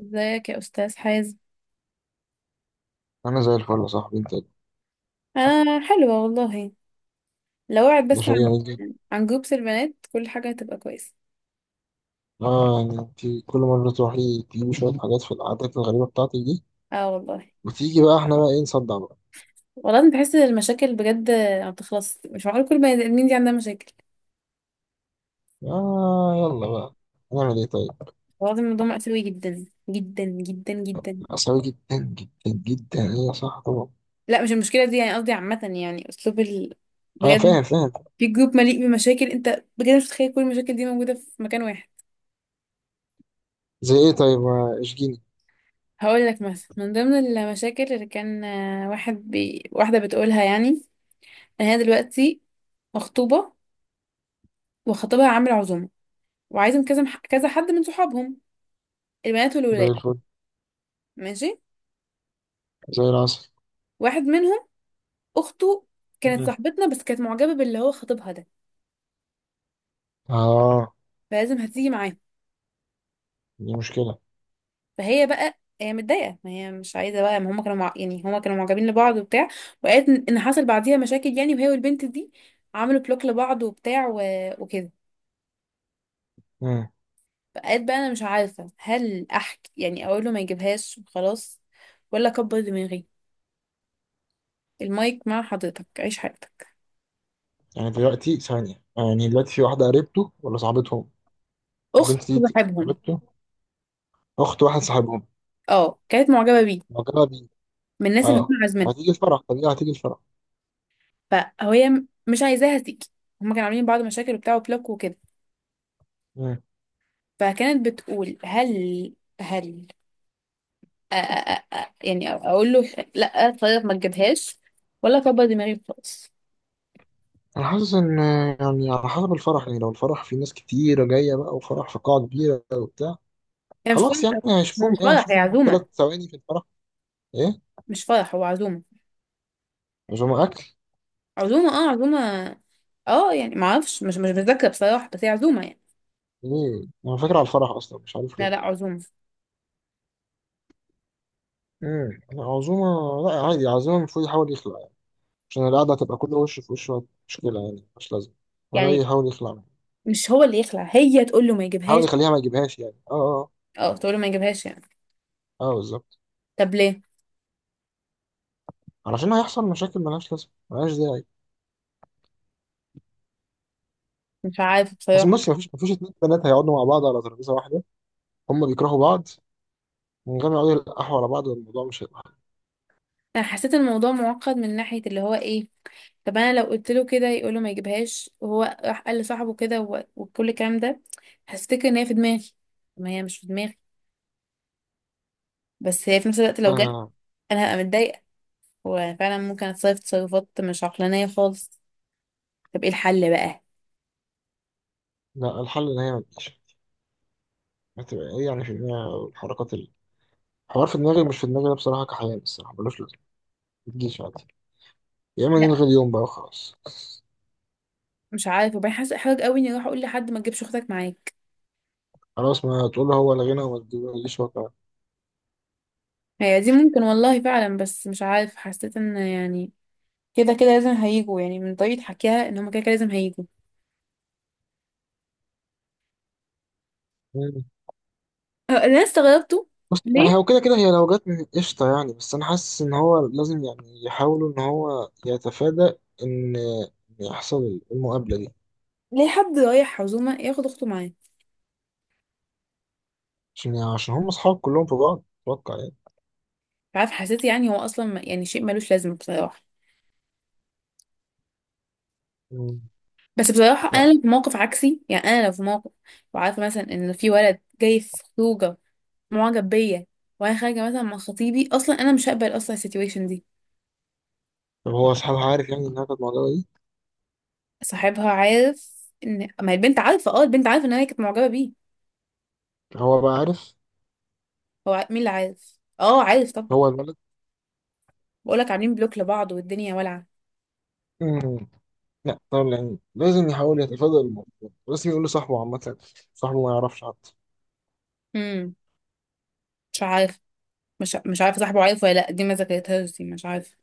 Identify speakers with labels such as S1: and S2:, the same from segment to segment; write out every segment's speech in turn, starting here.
S1: ازيك يا استاذ حازم.
S2: انا زي الفل يا صاحبي، انت.
S1: انا حلوه والله. لو وعد
S2: ده
S1: بس
S2: شيء
S1: عن
S2: جميل جدا.
S1: عن جروبس البنات كل حاجه هتبقى كويسه.
S2: اه يعني انت كل مره تروحي تجيبي شويه حاجات في العادات الغريبه بتاعتك دي،
S1: اه والله.
S2: وتيجي بقى احنا بقى ايه، نصدع بقى؟
S1: والله انا بحس ان المشاكل بجد ما بتخلص، مش معقول كل بني ادمين دي عندها مشاكل.
S2: اه، يلا بقى. نعمل ايه طيب؟
S1: والله الموضوع مأساوي جدا جدا جدا جدا.
S2: عصبي جدا جدا جدا. ايه يا صاحبي طبعا.
S1: لا مش المشكله دي، يعني قصدي عامه يعني اسلوب ال...
S2: انا فاهم
S1: بجد.
S2: فاهم.
S1: في جروب مليء بمشاكل، انت بجد مش متخيل كل المشاكل دي موجوده في مكان واحد.
S2: زي ايه طيب، ما اشجيني.
S1: هقول لك مثلا من ضمن المشاكل اللي كان واحد واحده بتقولها يعني. يعني انا دلوقتي مخطوبه، وخطيبها عامل عزومه، وعايزه كذا كذا حد من صحابهم، البنات
S2: زي
S1: والولاد.
S2: الفل.
S1: ماشي.
S2: زي العسل.
S1: واحد منهم اخته كانت
S2: مم.
S1: صاحبتنا، بس كانت معجبه باللي هو خطيبها ده.
S2: اه.
S1: فلازم هتيجي معاه.
S2: دي مشكله.
S1: فهي بقى هي متضايقه، ما هي مش عايزه بقى، ما هما يعني هما كانوا معجبين لبعض وبتاع. وقالت ان إن حصل بعديها مشاكل يعني، وهي والبنت دي عملوا بلوك لبعض وبتاع و... وكده.
S2: مم.
S1: فقالت بقى انا مش عارفه هل احكي يعني اقول له ما يجيبهاش وخلاص، ولا اكبر دماغي، المايك مع حضرتك عيش حياتك.
S2: يعني دلوقتي ثانيه، يعني دلوقتي في واحده قريبته ولا صاحبتهم؟
S1: اخت
S2: البنت دي
S1: صاحبهم.
S2: قريبته؟ اخت واحد صاحبهم؟
S1: اه كانت معجبه بيه،
S2: مجرد؟
S1: من الناس اللي هم
S2: اه.
S1: عازمينها.
S2: هتيجي الفرح طبيعي، هتيجي الفرح.
S1: فهي مش عايزاها تيجي. هم كانوا عاملين بعض مشاكل وبتاع وبلوك وكده.
S2: مم.
S1: فكانت بتقول هل، هل، أ أ أ أ يعني اقول له لا طيب ما تجيبهاش، ولا اكبر دماغي خالص.
S2: انا حاسس ان، يعني على حسب الفرح، يعني لو الفرح فيه ناس كتيرة جاية بقى وفرح في قاعة كبيرة وبتاع.
S1: هي مش
S2: خلاص
S1: فرح.
S2: يعني
S1: هو
S2: هشوفهم
S1: مش
S2: ايه،
S1: فرح، هي
S2: هشوفهم ثلاث
S1: عزومه.
S2: ثواني في الفرح. ايه.
S1: مش فرح، هو عزومه.
S2: عزومة اكل.
S1: عزومه، اه عزومه. اه يعني ما اعرفش، مش متذكره بصراحه، بس هي عزومه يعني.
S2: ايه، انا فاكر على الفرح اصلا، مش عارف
S1: لا
S2: ليه.
S1: لا عزومه
S2: عزومة. لا عادي، عزومة المفروض يحاول يخلع يعني. عشان القعدة هتبقى كل وش في وش. مشكلة يعني، مش لازم. انا رأيي
S1: يعني.
S2: يحاول يخلع منها.
S1: مش هو اللي يخلع، هي تقول له ما يجيبهاش.
S2: يحاول يخليها ما يجيبهاش يعني، اه اه.
S1: اه تقول له ما يجيبهاش يعني.
S2: اه بالظبط.
S1: طب ليه؟
S2: علشان هيحصل مشاكل ملهاش لازمة، ملهاش داعي.
S1: مش عارفه
S2: بس
S1: بصراحه.
S2: بص، مفيش 2 بنات هيقعدوا مع بعض على ترابيزه واحده. هما بيكرهوا بعض. من غير ما يقعدوا يلقحوا على بعض، الموضوع مش هيبقى حل.
S1: انا حسيت الموضوع معقد من ناحيه اللي هو ايه. طب انا لو قلت له كده يقول له ما يجيبهاش، وهو راح قال لصاحبه كده وكل الكلام ده، هفتكر ان هي في دماغي. طب ما هي مش في دماغي، بس هي في نفس الوقت لو جت
S2: آه.
S1: انا هبقى متضايقه، وفعلا ممكن اتصرف تصرفات مش عقلانيه خالص. طب ايه الحل بقى؟
S2: لا، الحل ان هي ما تجيش. هتبقى ايه يعني في دماغ الحركات الحوار؟ في دماغي مش في دماغي أنا بصراحه، كحيان الصراحه ملوش لازمه. ما تجيش عادي. يا اما نلغي
S1: لا
S2: اليوم بقى وخلاص.
S1: مش عارفه. وبعدين حاسه احراج قوي اني اروح اقول لحد ما تجيبش اختك معاك.
S2: خلاص، ما تقول له هو لغينا وما تجيش هو كمان.
S1: هي دي ممكن والله فعلا، بس مش عارف حسيت ان يعني كده كده لازم هيجوا، يعني من طريقة حكيها ان هما كده كده لازم هيجوا.
S2: مم.
S1: اللي انا استغربته
S2: بص يعني
S1: ليه.
S2: هو كده كده هي لو جت من قشطه يعني، بس انا حاسس ان هو لازم يعني يحاولوا ان هو يتفادى ان إن يحصل المقابله دي.
S1: ليه حد رايح عزومة ياخد اخته معاه؟ مش
S2: عشان يعني، عشان هم أصحاب كلهم في بعض أتوقع يعني.
S1: عارف حسيت يعني هو اصلا يعني شيء ملوش لازمة بصراحة.
S2: مم.
S1: بس بصراحة
S2: لا
S1: انا لو في موقف عكسي، يعني انا لو في موقف وعارفة مثلا ان في ولد جاي في خروجة معجب بيا وانا خارجة مثلا مع خطيبي، اصلا انا مش هقبل اصلا السيتويشن دي.
S2: طب، هو أصحابها عارف يعني إنها كانت معجبة بيه؟
S1: صاحبها عارف. ان ما هي البنت عارفة، اه البنت عارفة ان هي كانت معجبة بيه.
S2: هو بقى عارف؟
S1: هو مين اللي عارف، اه عارف طب.
S2: هو الولد.
S1: بقولك عاملين بلوك لبعض والدنيا
S2: مم. لا طبعا، يعني لازم يحاول يتفادى الموضوع، لازم يقول لصاحبه. عامة صاحبه ما يعرفش حتى.
S1: والعة. مش عارف، مش عارفه صاحبه عارف ولا لا، دي ما ذاكرتهاش، دي مش عارفه.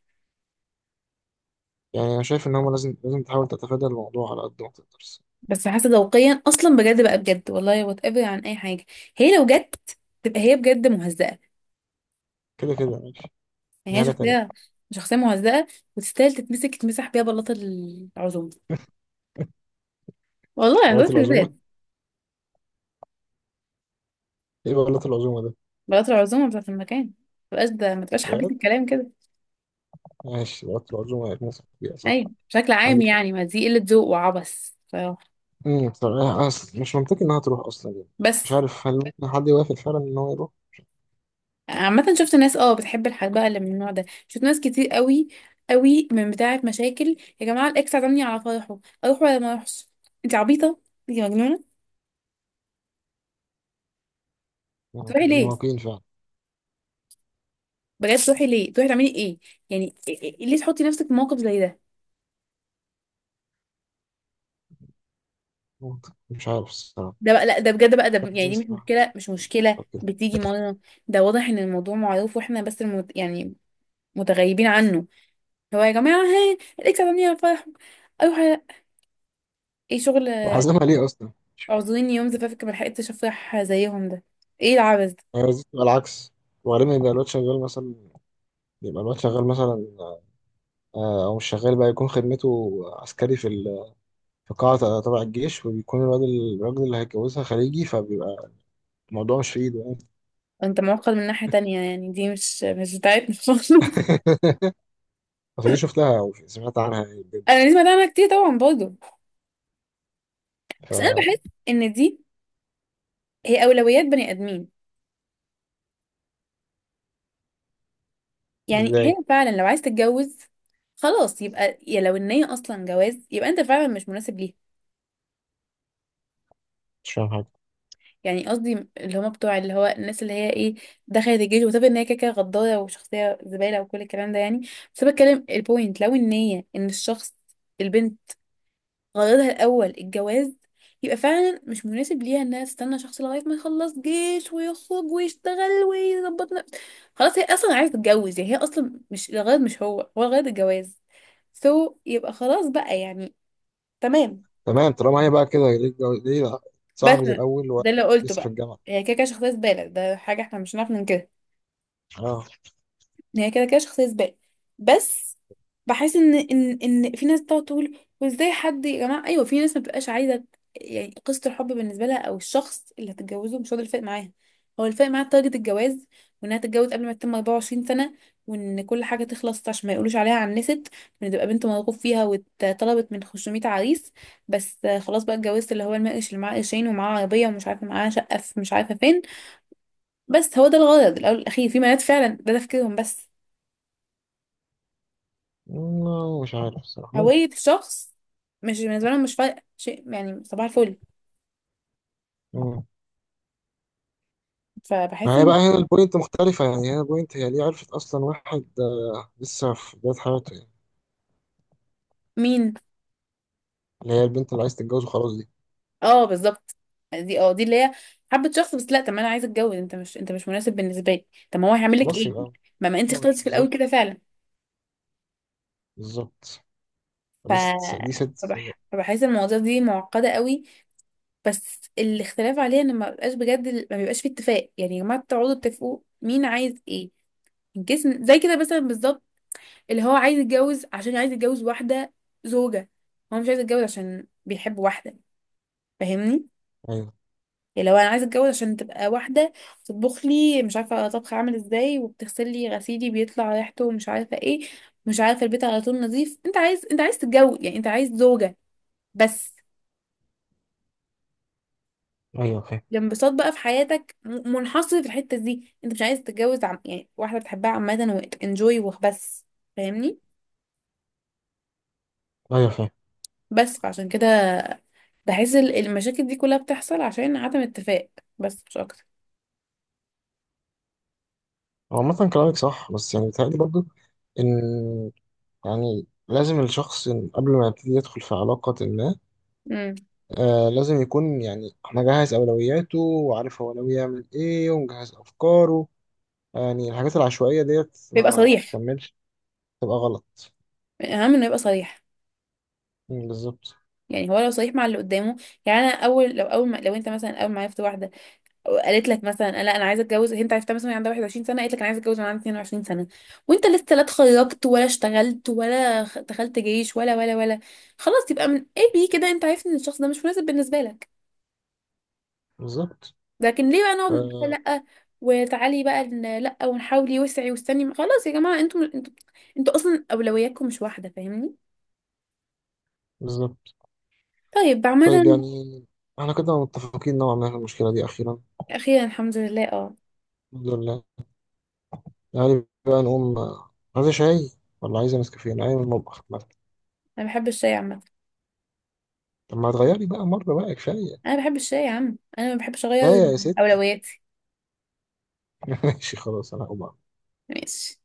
S2: يعني أنا شايف إن هما لازم، لازم تحاول تتفادى الموضوع على قد ما تقدر.
S1: بس حاسه ذوقيا اصلا بجد بقى، بجد والله وات ايفر عن اي حاجه، هي لو جت تبقى هي بجد مهزأه.
S2: كده كده ماشي. دي
S1: يعني هي
S2: حاجة تانية.
S1: شخصيه، شخصيه مهزأه. وتستاهل تتمسك تتمسح بيها بلاطه العزومه، والله يعني
S2: بلاط
S1: بلاطه
S2: العزومة.
S1: البيت.
S2: إيه بلاط العزومة ده؟
S1: بلاطه العزومه بتاعت المكان، ما تبقاش ده، ما تبقاش حبيت
S2: بجد؟
S1: الكلام كده.
S2: ماشي، بلاط العزومة هيتمسك بيها صح.
S1: ايوه بشكل عام
S2: عندك حق.
S1: يعني ما دي قله ذوق وعبث بصراحه.
S2: طب أنا أصل مش منطقي إنها تروح أصلا يعني. مش
S1: بس
S2: عارف هل ممكن حد يوافق فعلا إن هو يروح؟
S1: عامة شفت ناس اه بتحب الحاجات بقى اللي من النوع ده، شفت ناس كتير قوي قوي من بتاعة مشاكل يا جماعة، الإكس عزمني على فرحه، أروح ولا ما أروحش؟ أنت عبيطة، أنت مجنونة. تروحي ليه؟
S2: مواقين فعلا.
S1: بجد تروحي ليه؟ تروحي تعملي إيه؟ يعني إيه ليه تحطي نفسك في موقف زي ده؟
S2: ممكن. مش عارف الصراحة.
S1: ده بقى لا، ده بجد بقى،
S2: مش عارف
S1: يعني
S2: ازاي
S1: دي مش
S2: الصراحة.
S1: مشكلة، مش مشكلة
S2: طب كده.
S1: بتيجي مرة. ده واضح إن الموضوع معروف وإحنا بس يعني متغيبين عنه. هو يا جماعة ها الإكس عزمني على فرحه، أروح على- إيه شغل.
S2: وحاسبها ليه أصلا؟
S1: اعذريني يوم زفافك ملحقتش افرح زيهم ده. ايه العبث ده؟
S2: هي لازم تبقى العكس. وبعدين يبقى الواد شغال مثلا، يبقى الواد شغال مثلا. أو مش شغال بقى، يكون خدمته عسكري في قاعة تبع الجيش، وبيكون الواد الراجل اللي هيتجوزها خليجي، فبيبقى الموضوع مش في إيده يعني.
S1: انت معقد من ناحية تانية، يعني دي مش بتاعتنا خالص.
S2: فدي شفتها أو سمعت عنها يعني بجد.
S1: انا دي سمعت عنها كتير طبعا برضه، بس انا بحس ان دي هي اولويات بني ادمين. يعني هي
S2: فإزاي؟
S1: فعلا لو عايز تتجوز خلاص، يبقى يا لو ان هي اصلا جواز، يبقى انت فعلا مش مناسب ليها.
S2: مش فاهم حاجة.
S1: يعني قصدي اللي هما بتوع اللي هو الناس اللي هي ايه، دخلت الجيش، وتبقى ان هي كده كده غدارة وشخصية زبالة وكل الكلام ده يعني. بس أنا بتكلم البوينت لو ان هي ان الشخص، البنت، غرضها الأول الجواز، يبقى فعلا مش مناسب ليها انها تستنى شخص لغاية ما يخلص جيش ويخرج ويشتغل ويظبط نفسه. خلاص هي اصلا عايزة تتجوز، يعني هي اصلا مش الغرض، مش هو هو الغرض الجواز. سو يبقى خلاص بقى يعني، تمام.
S2: تمام. طالما هي بقى كده، ليه ليه
S1: بس
S2: صاحبة الأول
S1: ده اللي
S2: وواحد
S1: قلته
S2: لسه في
S1: بقى.
S2: الجامعة؟
S1: هي كده كده شخصية زبالة، ده حاجة احنا مش هنعرف ننكرها.
S2: اه.
S1: هي كده كده شخصية زبالة. بس بحس ان ان في ناس بتقعد تقول وازاي حد يا جماعة، ايوه في ناس ما بتبقاش عايزة يعني قصة الحب بالنسبة لها او الشخص اللي هتتجوزه مش هو ده الفرق معاها. هو الفرق معاها تارجت الجواز، وانها تتجوز قبل ما تتم 24 سنة، وان كل حاجة تخلص عشان ما يقولوش عليها عنست، وان تبقى بنت مرغوب فيها واتطلبت من 500 عريس. بس خلاص بقى اتجوزت اللي هو المقرش اللي معاه قرشين ومعاه عربية ومش عارفة معاه شقة في مش عارفة فين. بس هو ده الغرض الأول والأخير، في بنات فعلا ده تفكيرهم بس.
S2: مش عارف الصراحة،
S1: هوية
S2: ممكن.
S1: الشخص مش بالنسبة لهم، مش فارقة شيء يعني، صباح الفل.
S2: مم.
S1: فبحس
S2: ما هي بقى
S1: ان
S2: هنا البوينت مختلفة، يعني هنا البوينت هي ليه عرفت أصلا واحد لسه في بداية حياته يعني.
S1: مين.
S2: اللي هي البنت اللي عايز تتجوزه خلاص دي.
S1: اه بالظبط. دي اه دي اللي هي حبة شخص، بس لا طب ما انا عايزة اتجوز، انت مش مناسب بالنسبة لي. طب ما هو هيعمل لك
S2: خلاص
S1: ايه؟
S2: يبقى.
S1: ما انت
S2: أول
S1: اخترتي في الاول
S2: بالظبط،
S1: كده فعلا.
S2: بالظبط.
S1: ف
S2: دي ست سيئة
S1: فبحس المواضيع دي معقدة قوي. بس الاختلاف عليها ان ما بيبقاش بجد، ما بيبقاش في اتفاق، يعني يا جماعة تقعدوا تتفقوا مين عايز ايه. الجسم زي كده مثلا بالظبط. اللي هو عايز يتجوز عشان عايز يتجوز واحدة، زوجة. هو مش عايز يتجوز عشان بيحب واحدة. فاهمني؟
S2: أيوه.
S1: اللي هو انا عايز اتجوز عشان تبقى واحدة تطبخ لي مش عارفة طبخ عامل ازاي، وبتغسل لي غسيلي بيطلع ريحته مش عارفة ايه، مش عارفة البيت على طول نظيف. انت عايز، انت عايز تتجوز يعني، انت عايز زوجة بس.
S2: أيوه فاهم.
S1: الانبساط بقى في حياتك منحصر في الحتة دي، انت مش عايز تتجوز يعني واحدة بتحبها عامة وانجوي وبس. فاهمني؟
S2: أيوه فاهم.
S1: بس فعشان كده بحس المشاكل دي كلها بتحصل عشان عدم اتفاق، بس مش اكتر.
S2: هو عامة كلامك صح، بس يعني بيتهيألي برضه إن، يعني لازم الشخص إن قبل ما يبتدي يدخل في علاقة ما،
S1: امم،
S2: لازم يكون يعني مجهز أولوياته وعارف هو ناوي يعمل إيه ومجهز أفكاره. يعني الحاجات العشوائية ديت
S1: بيبقى
S2: ما
S1: صريح،
S2: بتكملش، تبقى غلط.
S1: اهم انه يبقى صريح.
S2: بالظبط.
S1: يعني هو لو صريح مع اللي قدامه، يعني انا اول لو اول ما، لو انت مثلا اول ما عرفت واحده قالت لك مثلا لا انا عايزه اتجوز، انت عرفتها مثلا وهي عندها 21 سنه، قالت لك انا عايزه اتجوز وانا عندي 22 سنه، وانت لسه لا اتخرجت ولا اشتغلت ولا دخلت جيش ولا ولا ولا، خلاص يبقى من اي بي كده انت عارف ان الشخص ده مش مناسب بالنسبه لك.
S2: بالظبط.
S1: لكن ليه بقى نقعد بقى
S2: آه
S1: لا، وتعالي بقى لا ونحاولي وسعي واستني، خلاص يا جماعه انتوا، انتوا اصلا اولوياتكم مش واحده. فاهمني؟
S2: بالظبط.
S1: طيب عامه.
S2: طيب يعني احنا كده متفقين نوعا ما في المشكلة دي أخيرا.
S1: اخيرا الحمد لله اه.
S2: الحمد لله. يعني بقى نقوم. عايزة شاي ولا عايزة نسكافيه؟ أنا عايز المطبخ مثلا.
S1: انا بحب الشاي عامه.
S2: طب ما تغيري بقى مرة بقى، كفاية.
S1: انا بحب الشاي يا عم، انا ما بحبش اغير
S2: كفاية يا ستي.
S1: اولوياتي.
S2: ماشي خلاص، أنا هقوم أعمل.
S1: ماشي.